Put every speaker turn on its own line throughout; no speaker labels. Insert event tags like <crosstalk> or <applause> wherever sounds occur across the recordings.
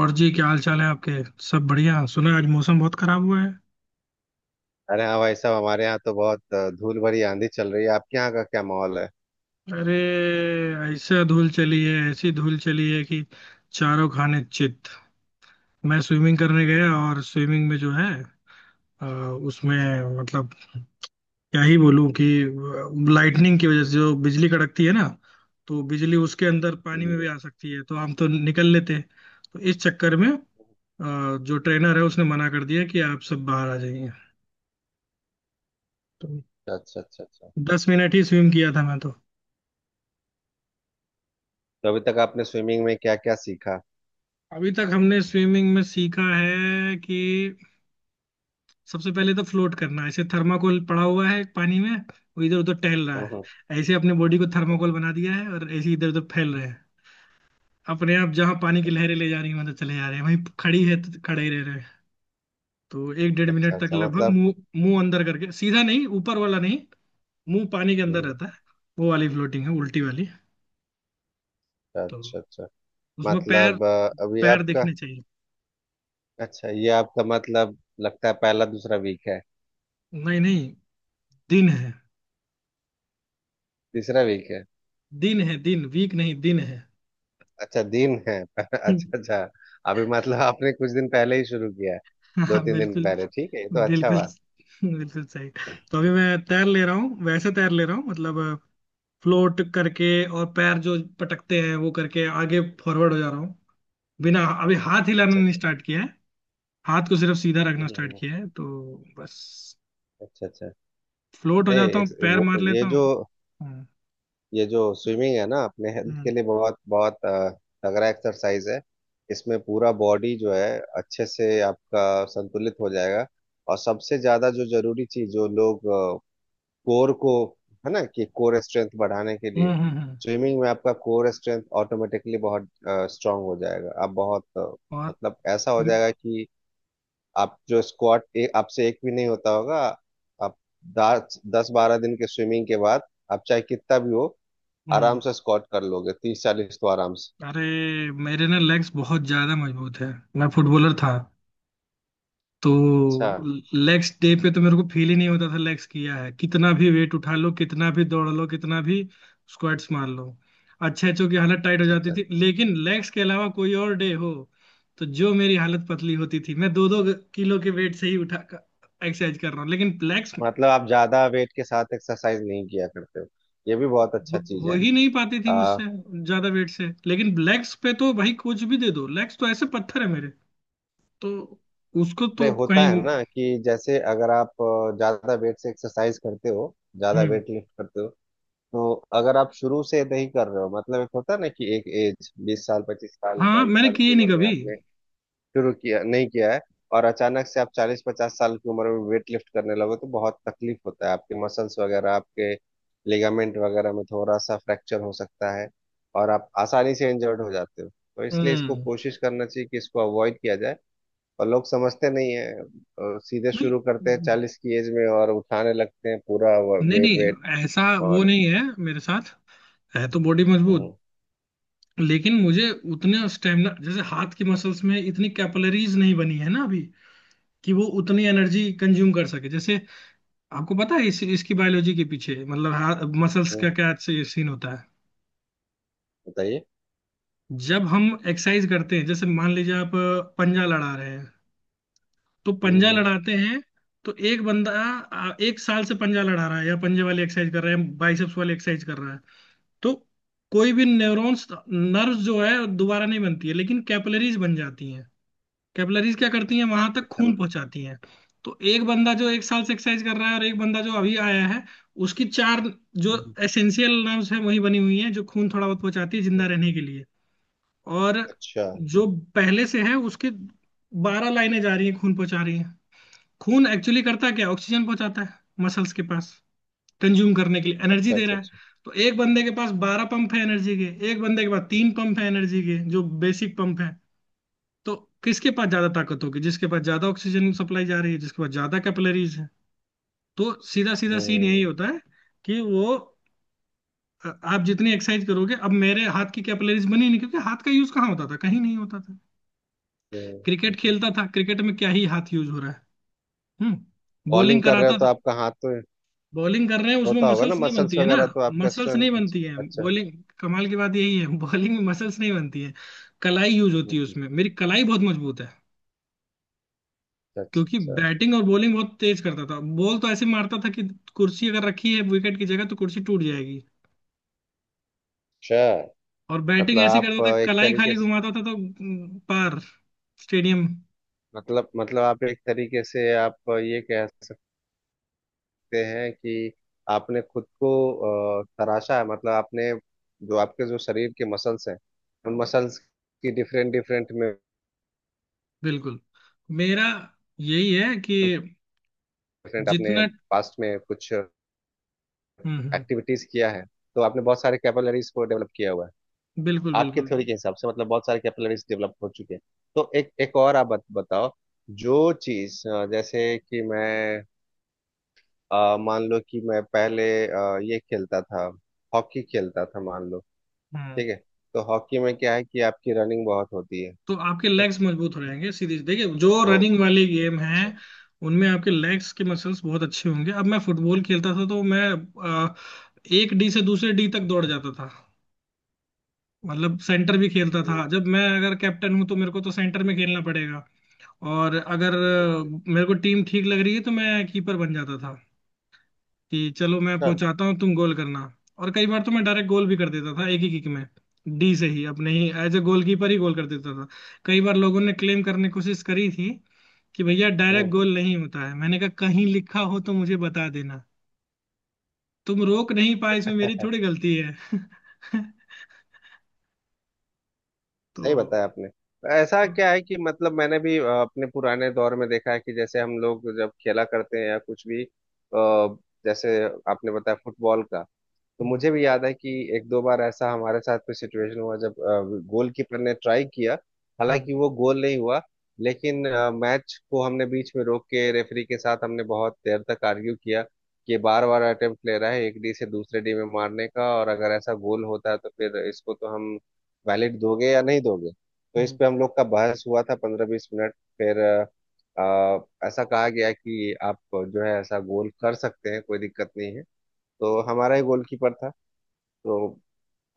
और जी क्या हाल चाल है आपके। सब बढ़िया सुना आज मौसम बहुत खराब हुआ है।
अरे हाँ भाई साहब, हमारे यहाँ तो बहुत धूल भरी आंधी चल रही है। आपके यहाँ का क्या माहौल है?
अरे ऐसा धूल चली है, ऐसी धूल चली है कि चारों खाने चित। मैं स्विमिंग करने गया और स्विमिंग में जो है अ, उसमें मतलब क्या ही बोलूं कि लाइटनिंग की वजह से जो बिजली कड़कती है ना, तो बिजली उसके अंदर पानी में
हम्म,
भी आ सकती है, तो हम तो निकल लेते हैं। तो इस चक्कर में जो ट्रेनर है उसने मना कर दिया कि आप सब बाहर आ जाइए। तो
अच्छा अच्छा अच्छा अच्छा।
10 मिनट ही स्विम किया था मैं तो।
तो अभी तक आपने स्विमिंग में क्या क्या सीखा?
अभी तक हमने स्विमिंग में सीखा है कि सबसे पहले तो फ्लोट करना है। ऐसे थर्माकोल पड़ा हुआ है पानी में, वो इधर उधर टहल रहा
हम्म।
है, ऐसे अपने बॉडी को थर्माकोल बना दिया है और ऐसे इधर उधर फैल रहे हैं। अपने आप जहाँ पानी की
अच्छा
लहरें ले जा रही हैं वहां चले जा रहे हैं, वहीं खड़ी है तो खड़े ही रह रहे हैं। तो एक डेढ़
अच्छा
मिनट तक
अच्छा,
लगभग
मतलब।
मुंह, मुंह अंदर करके, सीधा नहीं ऊपर वाला नहीं, मुंह पानी के अंदर
हम्म।
रहता है। वो वाली फ्लोटिंग है, उल्टी वाली।
अच्छा
तो
अच्छा अच्छा,
उसमें पैर,
मतलब अभी
पैर
आपका
दिखने चाहिए।
अच्छा, ये आपका मतलब लगता है पहला दूसरा वीक है?
नहीं नहीं, दिन है।
तीसरा वीक है?
दिन है, दिन, वीक नहीं दिन है।
अच्छा दिन है <laughs> अच्छा।
<laughs>
अच्छा, अभी मतलब आपने कुछ दिन पहले ही शुरू किया है?
हाँ
दो
हाँ,
तीन दिन
बिल्कुल।
पहले? ठीक है, ये तो अच्छा
बिल्कुल,
बात।
बिल्कुल सही। तो अभी मैं तैर ले रहा हूँ, वैसे तैर ले रहा हूँ मतलब फ्लोट करके। और पैर जो पटकते हैं वो करके आगे फॉरवर्ड हो जा रहा हूँ। बिना, अभी हाथ हिलाना
अच्छा
नहीं
अच्छा।
स्टार्ट किया है। हाथ को सिर्फ सीधा रखना स्टार्ट
हम्म।
किया है तो बस,
अच्छा अच्छा।
फ्लोट हो
नहीं
जाता हूँ
एक-
पैर
वो,
मार
ये
लेता हूँ।
जो
हम्म।
ये जो स्विमिंग है ना, अपने हेल्थ के
हम्म।
लिए बहुत बहुत तगड़ा एक्सरसाइज है। इसमें पूरा बॉडी जो है अच्छे से आपका संतुलित हो जाएगा। और सबसे ज्यादा जो जरूरी चीज जो लोग, कोर को, है ना, कि कोर स्ट्रेंथ बढ़ाने के लिए
हम्म। हम्म। हम्म।
स्विमिंग में आपका कोर स्ट्रेंथ ऑटोमेटिकली बहुत स्ट्रांग हो जाएगा। आप बहुत
और
मतलब ऐसा हो जाएगा कि आप जो स्क्वाट आपसे एक भी नहीं होता होगा, आप दस दस बारह दिन के स्विमिंग के बाद आप चाहे कितना भी हो आराम
हम्म।
से स्क्वाट कर लोगे, 30-40 तो आराम से।
अरे मेरे ना लेग्स बहुत ज्यादा मजबूत है। मैं फुटबॉलर था, तो
अच्छा
लेग्स डे पे तो मेरे को फील ही नहीं होता था। लेग्स किया है कितना भी, वेट उठा लो कितना भी, दौड़ लो कितना भी, स्क्वाट्स मार लो, अच्छे अच्छों की हालत टाइट हो
अच्छा
जाती
अच्छा।
थी। लेकिन लेग्स के अलावा कोई और डे हो तो जो मेरी हालत पतली होती थी, मैं दो दो किलो के वेट से ही उठा, एक्सरसाइज कर रहा हूँ लेकिन लेग्स
मतलब आप ज्यादा वेट के साथ एक्सरसाइज नहीं किया करते हो? ये भी बहुत अच्छा चीज
हो
है।
ही नहीं पाती थी
आ,
मुझसे, ज्यादा वेट से। लेकिन लेग्स पे तो भाई कुछ भी दे दो, लेग्स तो ऐसे पत्थर है मेरे। तो उसको
अरे
तो
होता है
कहीं,
ना, कि जैसे अगर आप ज्यादा वेट से एक्सरसाइज करते हो, ज्यादा
हम्म।
वेट लिफ्ट करते हो, तो अगर आप शुरू से नहीं कर रहे हो, मतलब एक होता है ना, कि एक एज 20 साल 25 साल
हाँ
बाईस
मैंने
साल
किए
की
नहीं
उम्र में
कभी।
आपने शुरू किया नहीं किया है, और अचानक से आप 40-50 साल की उम्र में वेट लिफ्ट करने लगो तो बहुत तकलीफ होता है। आपके मसल्स वगैरह आपके लिगामेंट वगैरह में थोड़ा सा फ्रैक्चर हो सकता है, और आप आसानी से इंजर्ड हो जाते हो, तो इसलिए इसको
हम्म।
कोशिश करना चाहिए कि इसको अवॉइड किया जाए। और लोग समझते नहीं है, और सीधे
नहीं
शुरू करते हैं 40 की एज में, और उठाने लगते हैं पूरा
नहीं
वेट वेट
नहीं ऐसा, वो
और।
नहीं है मेरे साथ। है तो बॉडी मजबूत,
हम्म,
लेकिन मुझे उतने स्टेमिना, जैसे हाथ की मसल्स में इतनी कैपिलरीज नहीं बनी है ना अभी, कि वो उतनी एनर्जी कंज्यूम कर सके। जैसे, आपको पता है इसकी बायोलॉजी के पीछे मतलब हाथ मसल्स
हम्म,
का क्या सीन होता है?
बताइए।
जब हम एक्सरसाइज करते हैं, जैसे मान लीजिए आप पंजा लड़ा रहे हैं, तो
हम्म,
पंजा
हम्म,
लड़ाते हैं तो एक बंदा एक साल से पंजा लड़ा रहा है या पंजे वाली एक्सरसाइज कर रहा है, बाइसेप्स वाली एक्सरसाइज कर रहा है, तो कोई भी न्यूरॉन्स, नर्व जो है दोबारा नहीं बनती है, लेकिन कैपिलरीज बन जाती हैं। कैपिलरीज क्या करती हैं, वहां तक
अच्छा।
खून पहुंचाती हैं। तो एक बंदा जो एक साल से एक्सरसाइज कर रहा है, और एक बंदा जो अभी आया है, उसकी चार जो
हम्म,
एसेंशियल नर्व्स है वही बनी हुई हैं, जो खून थोड़ा बहुत पहुंचाती है जिंदा
हम्म,
रहने के लिए। और
अच्छा
जो पहले से है उसके बारह लाइनें जा रही हैं, खून पहुंचा रही हैं। खून एक्चुअली करता क्या, ऑक्सीजन पहुंचाता है मसल्स के पास, कंज्यूम करने के लिए एनर्जी
अच्छा
दे
अच्छा
रहा है।
अच्छा।
तो एक बंदे के पास बारह पंप है एनर्जी के, एक बंदे के पास तीन पंप है एनर्जी के, जो बेसिक पंप है। तो किसके पास ज्यादा ताकत होगी, जिसके पास ज्यादा ऑक्सीजन सप्लाई जा रही है, जिसके पास ज्यादा कैपिलरीज है। तो सीधा सीधा सीन यही
हम्म
होता है कि वो आप जितनी एक्सरसाइज करोगे। अब मेरे हाथ की कैपिलरीज बनी नहीं, क्योंकि हाथ का यूज कहाँ होता था, कहीं नहीं होता था।
हम्म।
क्रिकेट
अच्छा।
खेलता था, क्रिकेट में क्या ही हाथ यूज हो रहा है। हम्म, बॉलिंग
बॉलिंग कर रहे
कराता,
हो तो आपका हाथ तो
बॉलिंग कर रहे हैं उसमें
होता होगा ना,
मसल्स नहीं बनती
मसल्स
है ना।
वगैरह, तो आपका
मसल्स
स्ट्रेंथ,
नहीं
अच्छा
बनती है
अच्छा।
बॉलिंग, कमाल की बात यही है। <laughs> बॉलिंग में मसल्स नहीं बनती है, कलाई यूज होती है
हम्म।
उसमें। मेरी कलाई बहुत मजबूत है,
अच्छा
क्योंकि
अच्छा
बैटिंग और बॉलिंग बहुत तेज करता था। बॉल तो ऐसे मारता था कि कुर्सी अगर रखी है विकेट की जगह तो कुर्सी टूट जाएगी।
अच्छा,
और बैटिंग
मतलब
ऐसी
आप
करता था,
एक
कलाई
तरीके
खाली
से,
घुमाता था तो पार स्टेडियम।
मतलब आप एक तरीके से आप ये कह सकते हैं कि आपने खुद को तराशा है, मतलब आपने जो आपके जो शरीर के मसल्स हैं उन मसल्स की डिफरेंट डिफरेंट में,
बिल्कुल, मेरा यही है कि
डिफरेंट आपने
जितना,
पास्ट में कुछ
हम्म,
एक्टिविटीज किया है, तो आपने बहुत सारे कैपिलरीज को डेवलप किया हुआ है।
बिल्कुल
आपके
बिल्कुल।
थ्योरी के हिसाब से मतलब बहुत सारे कैपिलरीज डेवलप हो चुके हैं। तो एक एक और आप बताओ, जो चीज जैसे कि मैं मान लो कि मैं पहले ये खेलता था, हॉकी खेलता था मान लो।
हम्म।
ठीक है? तो हॉकी में क्या है कि आपकी रनिंग बहुत होती है।
तो आपके
ठीक,
लेग्स मजबूत हो जाएंगे, सीधी देखिए जो
ओ,
रनिंग वाली गेम है
अच्छा।
उनमें आपके लेग्स के मसल्स बहुत अच्छे होंगे। अब मैं फुटबॉल खेलता था, तो मैं अ, एक डी से दूसरे डी तक दौड़ जाता था। मतलब सेंटर भी खेलता
हम्म,
था, जब मैं अगर कैप्टन हूं तो मेरे को तो सेंटर में खेलना पड़ेगा। और अगर
बिल्कुल सही।
मेरे को टीम ठीक लग रही है तो मैं कीपर बन जाता था कि चलो मैं
अच्छा।
पहुंचाता हूँ, तुम गोल करना। और कई बार तो मैं डायरेक्ट गोल भी कर देता था एक ही किक में। डी से ही, अपने ही, एज ए गोलकीपर ही गोल कर देता था। कई बार लोगों ने क्लेम करने की कोशिश करी थी कि भैया डायरेक्ट गोल नहीं होता है, मैंने कहा कहीं लिखा हो तो मुझे बता देना। तुम रोक नहीं पाए इसमें मेरी
हम्म।
थोड़ी गलती है। <laughs> तो
सही बताया आपने। तो ऐसा क्या है कि मतलब, मैंने भी अपने पुराने दौर में देखा है, कि जैसे हम लोग जब खेला करते हैं या कुछ भी जैसे आपने बताया फुटबॉल का, तो मुझे भी याद है कि एक दो बार ऐसा हमारे साथ भी सिचुएशन हुआ, जब गोलकीपर ने ट्राई किया, हालांकि वो गोल नहीं हुआ, लेकिन मैच को हमने बीच में रोक के रेफरी के साथ हमने बहुत देर तक आर्ग्यू किया, कि बार बार अटेम्प्ट ले रहा है एक डी से दूसरे डी में मारने का, और अगर ऐसा गोल होता है तो फिर इसको तो हम वैलिड दोगे या नहीं दोगे। तो इस पे हम लोग का बहस हुआ था 15-20 मिनट, फिर ऐसा कहा गया कि आप जो है ऐसा गोल कर सकते हैं, कोई दिक्कत नहीं है। तो हमारा ही गोलकीपर था, तो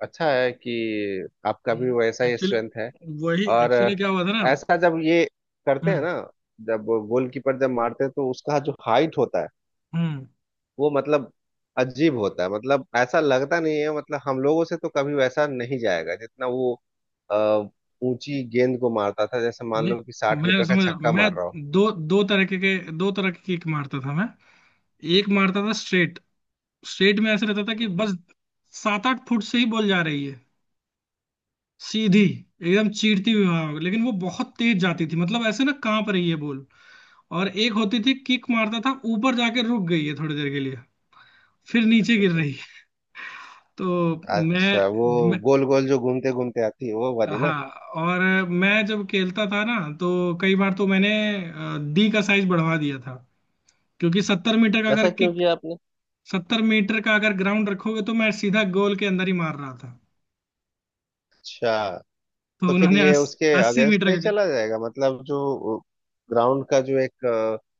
अच्छा है कि आपका भी वैसा ही
एक्चुअली,
स्ट्रेंथ है।
वही
और
एक्चुअली क्या हुआ था ना।
ऐसा जब ये करते हैं
हम्म
ना, जब गोलकीपर जब मारते हैं तो उसका जो हाइट होता है,
हम्म।
वो मतलब अजीब होता है, मतलब ऐसा लगता नहीं है, मतलब हम लोगों से तो कभी वैसा नहीं जाएगा जितना वो अ, ऊंची गेंद को मारता था, जैसे मान
नहीं,
लो कि साठ
मैं
मीटर का
समझ रहा हूँ।
छक्का
मैं
मार रहा हो।
दो दो तरह के दो तरह के किक मारता था मैं। एक मारता था स्ट्रेट, स्ट्रेट में ऐसा रहता था कि बस सात आठ फुट से ही बॉल जा रही है, सीधी, एकदम चीरती हुई हवा। लेकिन वो बहुत तेज जाती थी, मतलब ऐसे ना कांप रही है बॉल। और एक होती थी किक, मारता था ऊपर जाके रुक गई है थोड़ी देर के लिए, फिर नीचे
अच्छा
गिर
अच्छा
रही है। तो मैं,
अच्छा, वो
मैं
गोल गोल जो घूमते घूमते आती है वो वाली ना?
हाँ। और मैं जब खेलता था ना तो कई बार तो मैंने डी का साइज बढ़वा दिया था। क्योंकि 70 मीटर का अगर
ऐसा क्यों
किक,
किया आपने?
70 मीटर का अगर ग्राउंड रखोगे तो मैं सीधा गोल के अंदर ही मार रहा था।
अच्छा।
तो
तो फिर
उन्होंने
ये उसके
अस्सी
अगेंस्ट
मीटर
नहीं
का,
चला जाएगा, मतलब जो ग्राउंड का जो एक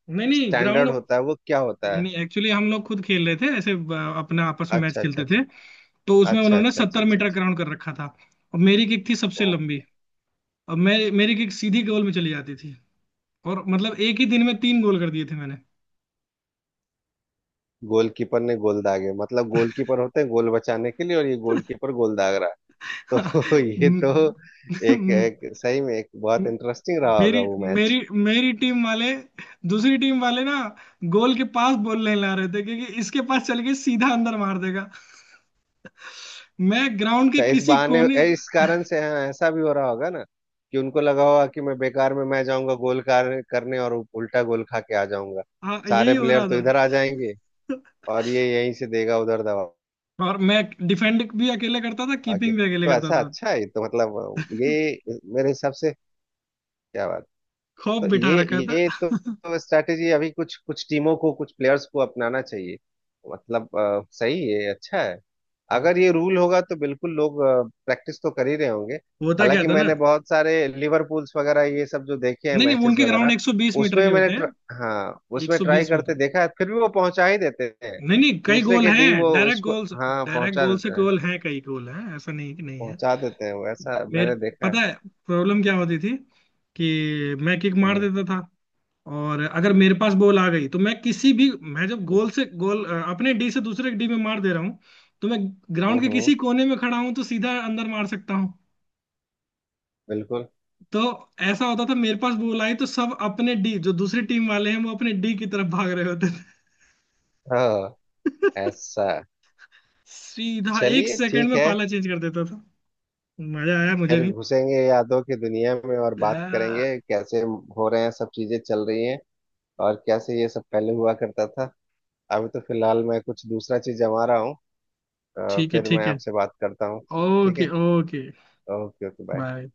नहीं नहीं ग्राउंड,
स्टैंडर्ड होता है वो क्या होता
नहीं
है?
नहीं, एक्चुअली हम लोग खुद खेल रहे थे ऐसे, अपना आपस में मैच
अच्छा अच्छा
खेलते
अच्छा
थे। तो उसमें
अच्छा
उन्होंने
अच्छा। अच्छा
सत्तर
अच्छा
मीटर
अच्छा।
ग्राउंड कर रखा था, और मेरी किक थी सबसे लंबी।
ओके।
अब मैं, मेरी किक सीधी गोल में चली जाती थी, और मतलब एक ही दिन में तीन गोल कर दिए थे मैंने।
गोलकीपर ने गोल दागे? मतलब गोलकीपर होते हैं गोल बचाने के लिए, और ये गोलकीपर गोल दाग रहा है? तो <laughs>
<laughs>
ये तो,
म-
एक
म-
एक सही में एक बहुत इंटरेस्टिंग रहा
मेरी
होगा वो मैच।
मेरी मेरी टीम वाले, दूसरी टीम वाले ना गोल के पास बॉल नहीं ला रहे थे, क्योंकि इसके पास, चल के सीधा अंदर मार देगा। मैं ग्राउंड के
तो इस
किसी
बहाने
कोने,
इस कारण से, हाँ ऐसा भी हो रहा होगा ना, कि उनको लगा होगा कि मैं बेकार में मैं जाऊंगा गोल करने और उल्टा गोल खा के आ जाऊंगा।
हाँ यही
सारे
हो
प्लेयर
रहा
तो इधर आ
था।
जाएंगे, और ये यहीं से देगा उधर दबा
और मैं डिफेंड भी अकेले करता था,
के।
कीपिंग भी अकेले
तो
करता
ऐसा
था,
अच्छा है ये तो, मतलब ये मेरे हिसाब से, क्या बात। तो
खौफ बिठा
ये
रखा था।
ये तो स्ट्रैटेजी अभी कुछ कुछ टीमों को कुछ प्लेयर्स को अपनाना चाहिए। मतलब सही है, अच्छा है।
हम्म।
अगर ये रूल होगा तो बिल्कुल लोग प्रैक्टिस तो कर ही रहे होंगे।
होता क्या
हालांकि
था ना,
मैंने बहुत सारे लिवरपूल्स वगैरह ये सब जो देखे हैं
नहीं नहीं
मैचेस
उनके ग्राउंड
वगैरह,
120 मीटर
उसमें
के
मैंने
होते हैं।
हाँ, उसमें ट्राई
120
करते
मीटर,
देखा है, फिर भी वो पहुंचा ही देते हैं,
नहीं नहीं कई
दूसरे
गोल
के
हैं
डी वो
डायरेक्ट
इसको,
गोल।
हाँ
डायरेक्ट
पहुंचा
गोल से
देते हैं,
गोल हैं, कई गोल हैं, ऐसा नहीं कि नहीं है।
पहुंचा देते हैं वो, ऐसा
मेरे,
मैंने देखा है।
पता है प्रॉब्लम क्या होती थी कि मैं किक मार
हम्म
देता था, और अगर मेरे पास बॉल आ गई तो मैं किसी भी, मैं जब गोल से गोल अपने डी से दूसरे डी में मार दे रहा हूँ, तो मैं
हम्म
ग्राउंड के
हम्म,
किसी कोने में खड़ा हूँ तो सीधा अंदर मार सकता हूँ।
बिल्कुल,
तो ऐसा होता था, मेरे पास बॉल आई तो सब अपने डी, जो दूसरी टीम वाले हैं वो अपने डी की तरफ भाग रहे होते थे।
हाँ
<laughs>
ऐसा।
सीधा एक
चलिए
सेकंड
ठीक
में
है,
पाला चेंज कर देता, मजा आया मुझे
फिर
भी।
घुसेंगे यादों की दुनिया में, और बात
आ,
करेंगे कैसे हो रहे हैं, सब चीजें चल रही हैं, और कैसे ये सब पहले हुआ करता था। अभी तो फिलहाल मैं कुछ दूसरा चीज जमा रहा हूँ,
ठीक है
फिर मैं
ठीक है,
आपसे बात करता हूँ। ठीक
ओके
है,
okay,
okay okay bye.
Bye.